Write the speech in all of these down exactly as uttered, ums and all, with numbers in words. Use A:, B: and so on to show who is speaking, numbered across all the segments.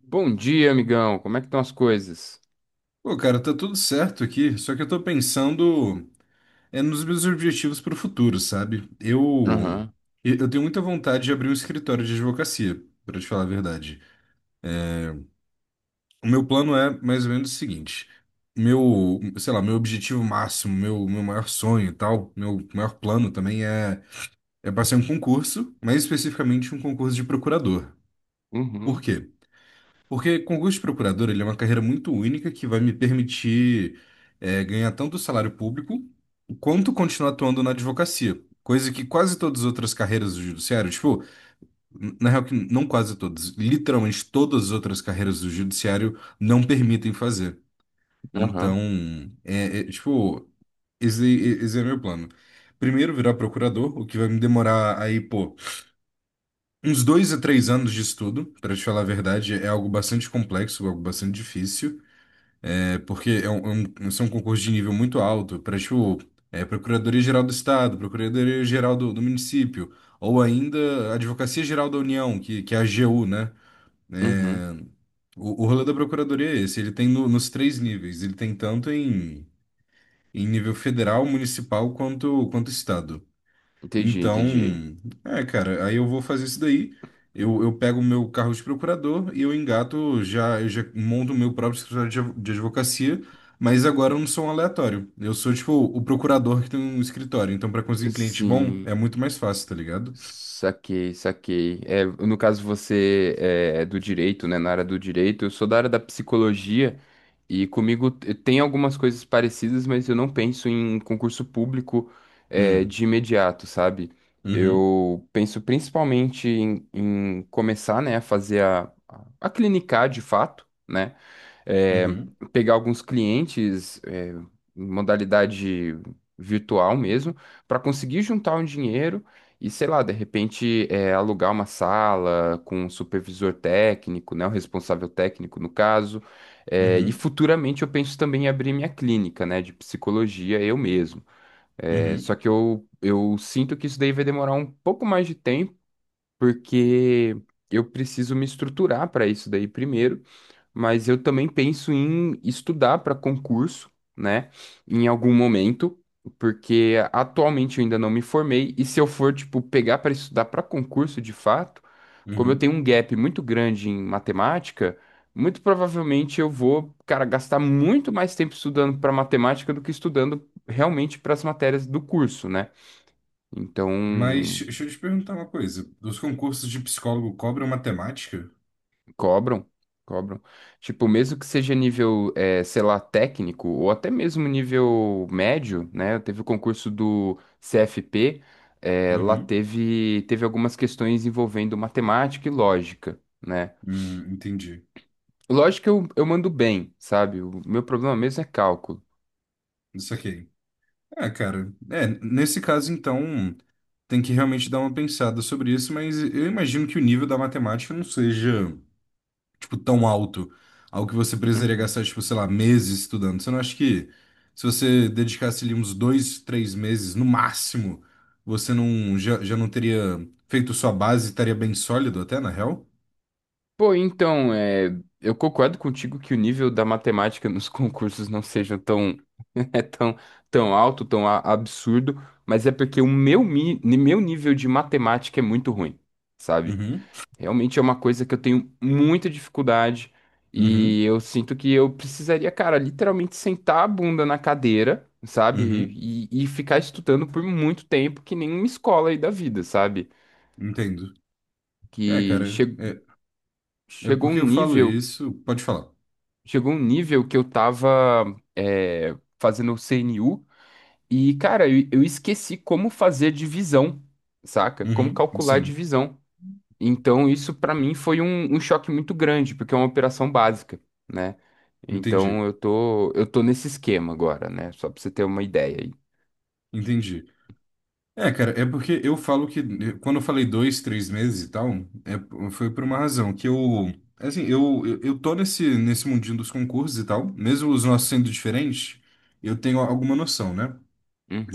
A: Bom dia, amigão. Como é que estão as coisas?
B: Pô, cara, tá tudo certo aqui, só que eu tô pensando é, nos meus objetivos pro futuro, sabe? Eu,
A: Aham,
B: eu eu tenho muita vontade de abrir um escritório de advocacia, pra te falar a verdade. O meu plano é mais ou menos o seguinte: meu, sei lá, meu objetivo máximo, meu, meu maior sonho e tal, meu maior plano também é, é passar em um concurso, mais especificamente um concurso de procurador. Por
A: uhum,
B: quê? Porque concurso de procurador, ele é uma carreira muito única que vai me permitir é, ganhar tanto salário público quanto continuar atuando na advocacia. Coisa que quase todas as outras carreiras do judiciário, tipo, n- na real que não quase todas, literalmente todas as outras carreiras do judiciário não permitem fazer. Então,
A: aham,
B: é, é, tipo, esse, esse é meu plano. Primeiro virar procurador, o que vai me demorar aí, pô, uns dois a três anos de estudo, para te falar a verdade, é algo bastante complexo, algo bastante difícil. É porque é um, é um, são um concurso de nível muito alto para, tipo, é, Procuradoria-Geral do Estado, Procuradoria-Geral do, do município, ou ainda Advocacia-Geral da União, que, que é a AGU, né?
A: uhum.
B: É, o, o rolê da Procuradoria é esse, ele tem no- nos três níveis, ele tem tanto em, em nível federal, municipal, quanto, quanto Estado.
A: Entendi,
B: Então,
A: entendi.
B: é, cara, aí eu vou fazer isso daí. Eu, eu pego o meu carro de procurador e eu engato, já, eu já monto o meu próprio escritório de, adv- de advocacia, mas agora eu não sou um aleatório. Eu sou, tipo, o procurador que tem um escritório. Então, para conseguir cliente bom, é
A: Sim,
B: muito mais fácil, tá ligado?
A: saquei, saquei. É, no caso, você é é do direito, né? Na área do direito, eu sou da área da psicologia e comigo t- tem algumas coisas parecidas, mas eu não penso em concurso público, é,
B: Hum,
A: de imediato, sabe?
B: uhum,
A: Eu penso principalmente em, em começar, né, a fazer a, a a clinicar de fato, né? é,
B: uhum,
A: pegar alguns clientes, é, em modalidade virtual mesmo, para conseguir juntar um dinheiro e, sei lá, de repente, é, alugar uma sala com um supervisor técnico, né, o responsável técnico no caso. É, e
B: uhum,
A: futuramente eu penso também em abrir minha clínica, né, de psicologia eu mesmo. É,
B: uhum,
A: só que eu, eu sinto que isso daí vai demorar um pouco mais de tempo, porque eu preciso me estruturar para isso daí primeiro, mas eu também penso em estudar para concurso, né, em algum momento, porque atualmente eu ainda não me formei, e se eu for, tipo, pegar para estudar para concurso de fato, como eu
B: uhum.
A: tenho um gap muito grande em matemática, muito provavelmente eu vou, cara, gastar muito mais tempo estudando para matemática do que estudando realmente para as matérias do curso, né?
B: Mas
A: Então,
B: deixa eu te perguntar uma coisa. Os concursos de psicólogo cobram matemática?
A: cobram, cobram. Tipo, mesmo que seja nível, eh, sei lá, técnico, ou até mesmo nível médio, né? Teve o concurso do C F P, eh, lá
B: Uhum,
A: teve, teve algumas questões envolvendo matemática e lógica, né?
B: hum, entendi.
A: Lógica eu, eu mando bem, sabe? O meu problema mesmo é cálculo.
B: Isso aqui. É, cara, é, nesse caso, então, tem que realmente dar uma pensada sobre isso, mas eu imagino que o nível da matemática não seja, tipo, tão alto, algo que você precisaria
A: Uhum.
B: gastar, tipo, sei lá, meses estudando. Você não acha que se você dedicasse ali uns dois, três meses, no máximo, você não, já, já não teria feito sua base e estaria bem sólido até, na real?
A: Pô, então, eh, eu concordo contigo que o nível da matemática nos concursos não seja tão é tão, tão alto, tão a- absurdo, mas é porque o meu, mi- meu nível de matemática é muito ruim, sabe?
B: Uhum,
A: Realmente é uma coisa que eu tenho muita dificuldade
B: uhum,
A: e eu sinto que eu precisaria, cara, literalmente sentar a bunda na cadeira, sabe?
B: uhum,
A: E, e ficar estudando por muito tempo, que nem uma escola aí da vida, sabe?
B: entendo. É,
A: Que
B: cara,
A: che-
B: é, é
A: chegou um
B: porque eu falo
A: nível,
B: isso, pode falar.
A: chegou um nível que eu tava, é, fazendo o C N U. E, cara, eu, eu esqueci como fazer divisão, saca? Como
B: Uhum,
A: calcular a
B: sim,
A: divisão. Então, isso pra mim foi um, um choque muito grande, porque é uma operação básica, né?
B: entendi.
A: Então, eu tô, eu tô nesse esquema agora, né? Só pra você ter uma ideia aí.
B: Entendi. É, cara, é porque eu falo que quando eu falei dois, três meses e tal, é- foi por uma razão, que eu, assim, eu, eu eu tô nesse, nesse mundinho dos concursos e tal, mesmo os nossos sendo diferentes, eu tenho alguma noção, né?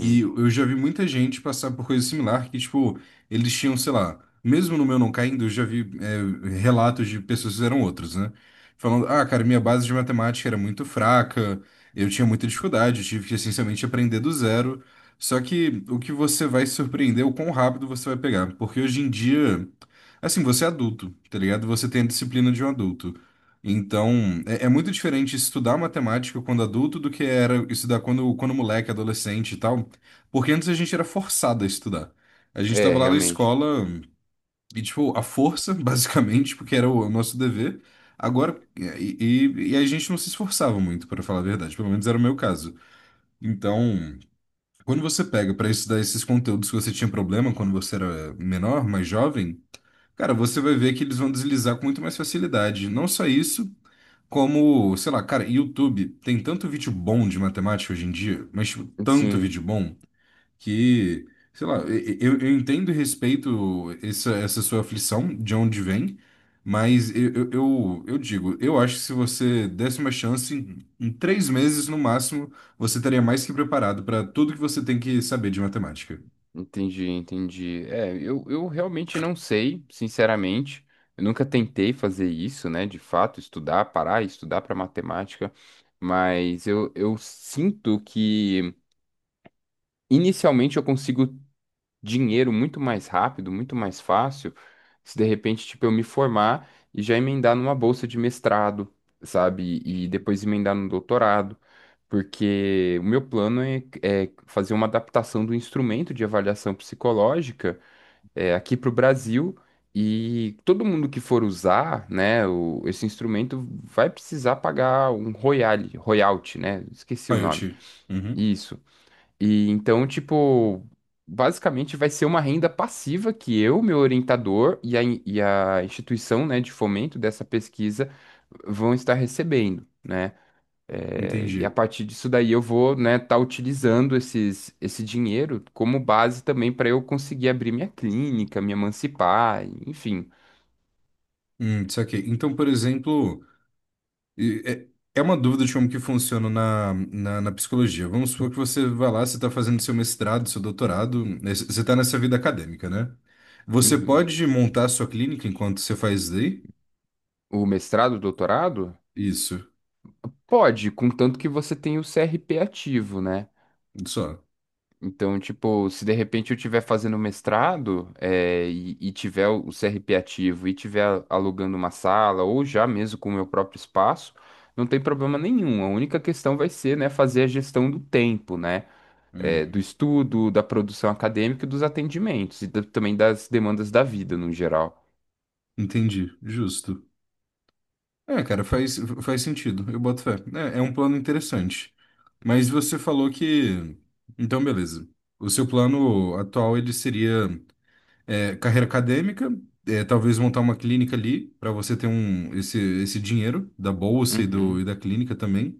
B: E eu já vi muita gente passar por coisa similar, que, tipo, eles tinham, sei lá, mesmo no meu não caindo, eu já vi é, relatos de pessoas que fizeram outros, né? Falando, ah, cara, minha base de matemática era muito fraca, eu tinha muita dificuldade, eu tive que, essencialmente, aprender do zero. Só que o que você vai se surpreender é o quão rápido você vai pegar. Porque hoje em dia, assim, você é adulto, tá ligado? Você tem a disciplina de um adulto. Então, é, é muito diferente estudar matemática quando adulto do que era estudar quando, quando moleque, adolescente e tal. Porque antes a gente era forçado a estudar. A gente
A: É,
B: tava lá na
A: realmente.
B: escola e, tipo, a força, basicamente, porque era o nosso dever. Agora, e, e- e a gente não se esforçava muito, para falar a verdade. Pelo menos era o meu caso. Então, quando você pega para estudar esses conteúdos que você tinha problema quando você era menor, mais jovem, cara, você vai ver que eles vão deslizar com muito mais facilidade. Não só isso, como, sei lá, cara, YouTube tem tanto vídeo bom de matemática hoje em dia, mas, tipo, tanto
A: Sim,
B: vídeo bom que, sei lá, e- e- eu, eu entendo e respeito essa, essa sua aflição, de onde vem, mas eu, eu, eu eu digo, eu acho que se você desse uma chance, em, em três meses no máximo, você estaria mais que preparado para tudo que você tem que saber de matemática.
A: entendi, entendi. É, eu, eu realmente não sei, sinceramente. Eu nunca tentei fazer isso, né? De fato, estudar, parar, e estudar para matemática. Mas eu, eu sinto que inicialmente eu consigo dinheiro muito mais rápido, muito mais fácil, se de repente, tipo, eu me formar e já emendar numa bolsa de mestrado, sabe? E depois emendar no doutorado, porque o meu plano é, é fazer uma adaptação do instrumento de avaliação psicológica, é, aqui para o Brasil. E todo mundo que for usar, né, o- esse instrumento vai precisar pagar um royale, royalty, né? Esqueci o
B: Ah, eu
A: nome.
B: te. Uhum,
A: Isso. E então, tipo, basicamente vai ser uma renda passiva que eu, meu orientador e a, in- e a instituição, né, de fomento dessa pesquisa vão estar recebendo, né? É, e a
B: entendi.
A: partir disso daí eu vou, né, estar utilizando esses, esse dinheiro como base também para eu conseguir abrir minha clínica, me emancipar, enfim.
B: Hum, saquei. Então, por exemplo. E É é uma dúvida de como que funciona na, na, na psicologia. Vamos supor que você vai lá, você está fazendo seu mestrado, seu doutorado, né, você está nessa vida acadêmica, né? Você
A: Uhum.
B: pode montar a sua clínica enquanto você faz lei?
A: O mestrado, doutorado?
B: Isso,
A: Pode, contanto que você tenha o C R P ativo, né?
B: só.
A: Então, tipo, se de repente eu estiver fazendo mestrado, eh, e, e tiver o C R P ativo e tiver alugando uma sala ou já mesmo com o meu próprio espaço, não tem problema nenhum. A única questão vai ser, né, fazer a gestão do tempo, né, eh, do
B: Hum.
A: estudo, da produção acadêmica e dos atendimentos e da- também das demandas da vida no geral.
B: Entendi, justo. É, cara, faz, faz sentido, eu boto fé. É, é um plano interessante. Mas você falou que... Então, beleza. O seu plano atual, ele seria é, carreira acadêmica, é, talvez montar uma clínica ali para você ter um esse, esse dinheiro da bolsa e, do,
A: Uhum,
B: e da clínica também.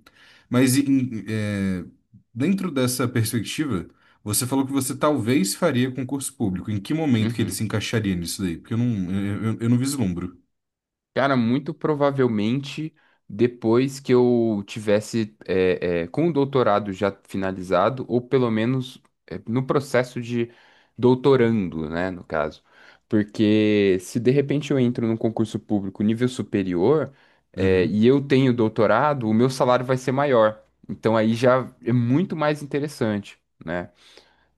B: Mas em- é, dentro dessa perspectiva, você falou que você talvez faria concurso público. Em que momento que ele
A: uhum.
B: se encaixaria nisso daí? Porque eu não, eu, eu- eu não vislumbro.
A: Cara, muito provavelmente depois que eu tivesse é, é, com o doutorado já finalizado, ou pelo menos, é, no processo de doutorando, né, no caso. Porque se de repente eu entro num concurso público nível superior, é,
B: Uhum.
A: e eu tenho doutorado, o meu salário vai ser maior. Então aí já é muito mais interessante, né?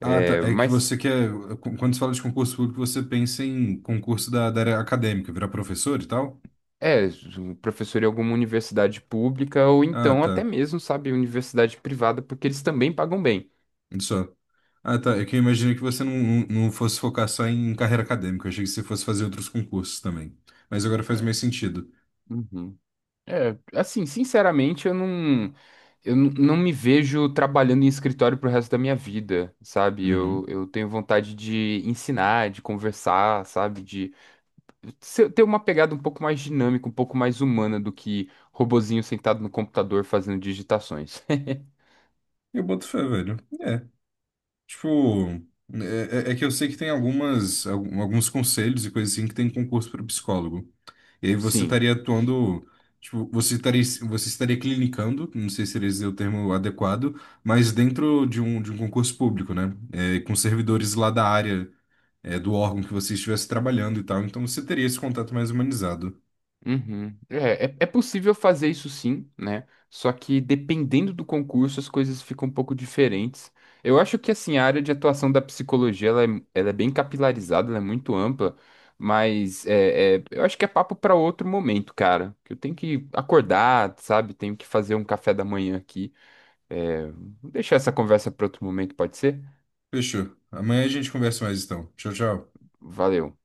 B: Ah, tá. É que
A: mas.
B: você quer. qu- Quando você fala de concurso público, você pensa em concurso da, da área acadêmica, virar professor e tal?
A: É, ju- professor em alguma universidade pública ou
B: Ah,
A: então até
B: tá.
A: mesmo, sabe, universidade privada, porque eles também pagam bem.
B: Só. Ah, tá. É que eu imaginei que você não, não não fosse focar só em carreira acadêmica. Eu achei que você fosse fazer outros concursos também. Mas agora faz mais sentido.
A: Uhum. É, assim, sinceramente, eu não, eu n- não me vejo trabalhando em escritório pro resto da minha vida, sabe? Eu,
B: Uhum.
A: eu tenho vontade de ensinar, de conversar, sabe? De ser- ter uma pegada um pouco mais dinâmica, um pouco mais humana do que robozinho sentado no computador fazendo digitações.
B: Eu boto fé, velho. É. Tipo, é, é- é que eu sei que tem algumas, algum- alguns conselhos e coisas assim que tem concurso para psicólogo. E aí você
A: Sim.
B: estaria atuando. Tipo, você estaria, você estaria clinicando, não sei se seria o termo adequado, mas dentro de um, de um concurso público, né? É, com servidores lá da área é, do órgão que você estivesse trabalhando e tal. Então você teria esse contato mais humanizado.
A: Uhum. É, é, é possível fazer isso sim, né? Só que dependendo do concurso, as coisas ficam um pouco diferentes. Eu acho que assim, a área de atuação da psicologia ela é, ela é bem capilarizada, ela é muito ampla, mas é, é, eu acho que é papo para outro momento, cara. Que eu tenho que acordar, sabe? Tenho que fazer um café da manhã aqui. É, vou deixar essa conversa para outro momento, pode ser?
B: Fechou. Amanhã a gente conversa mais então. Tchau, tchau.
A: Valeu.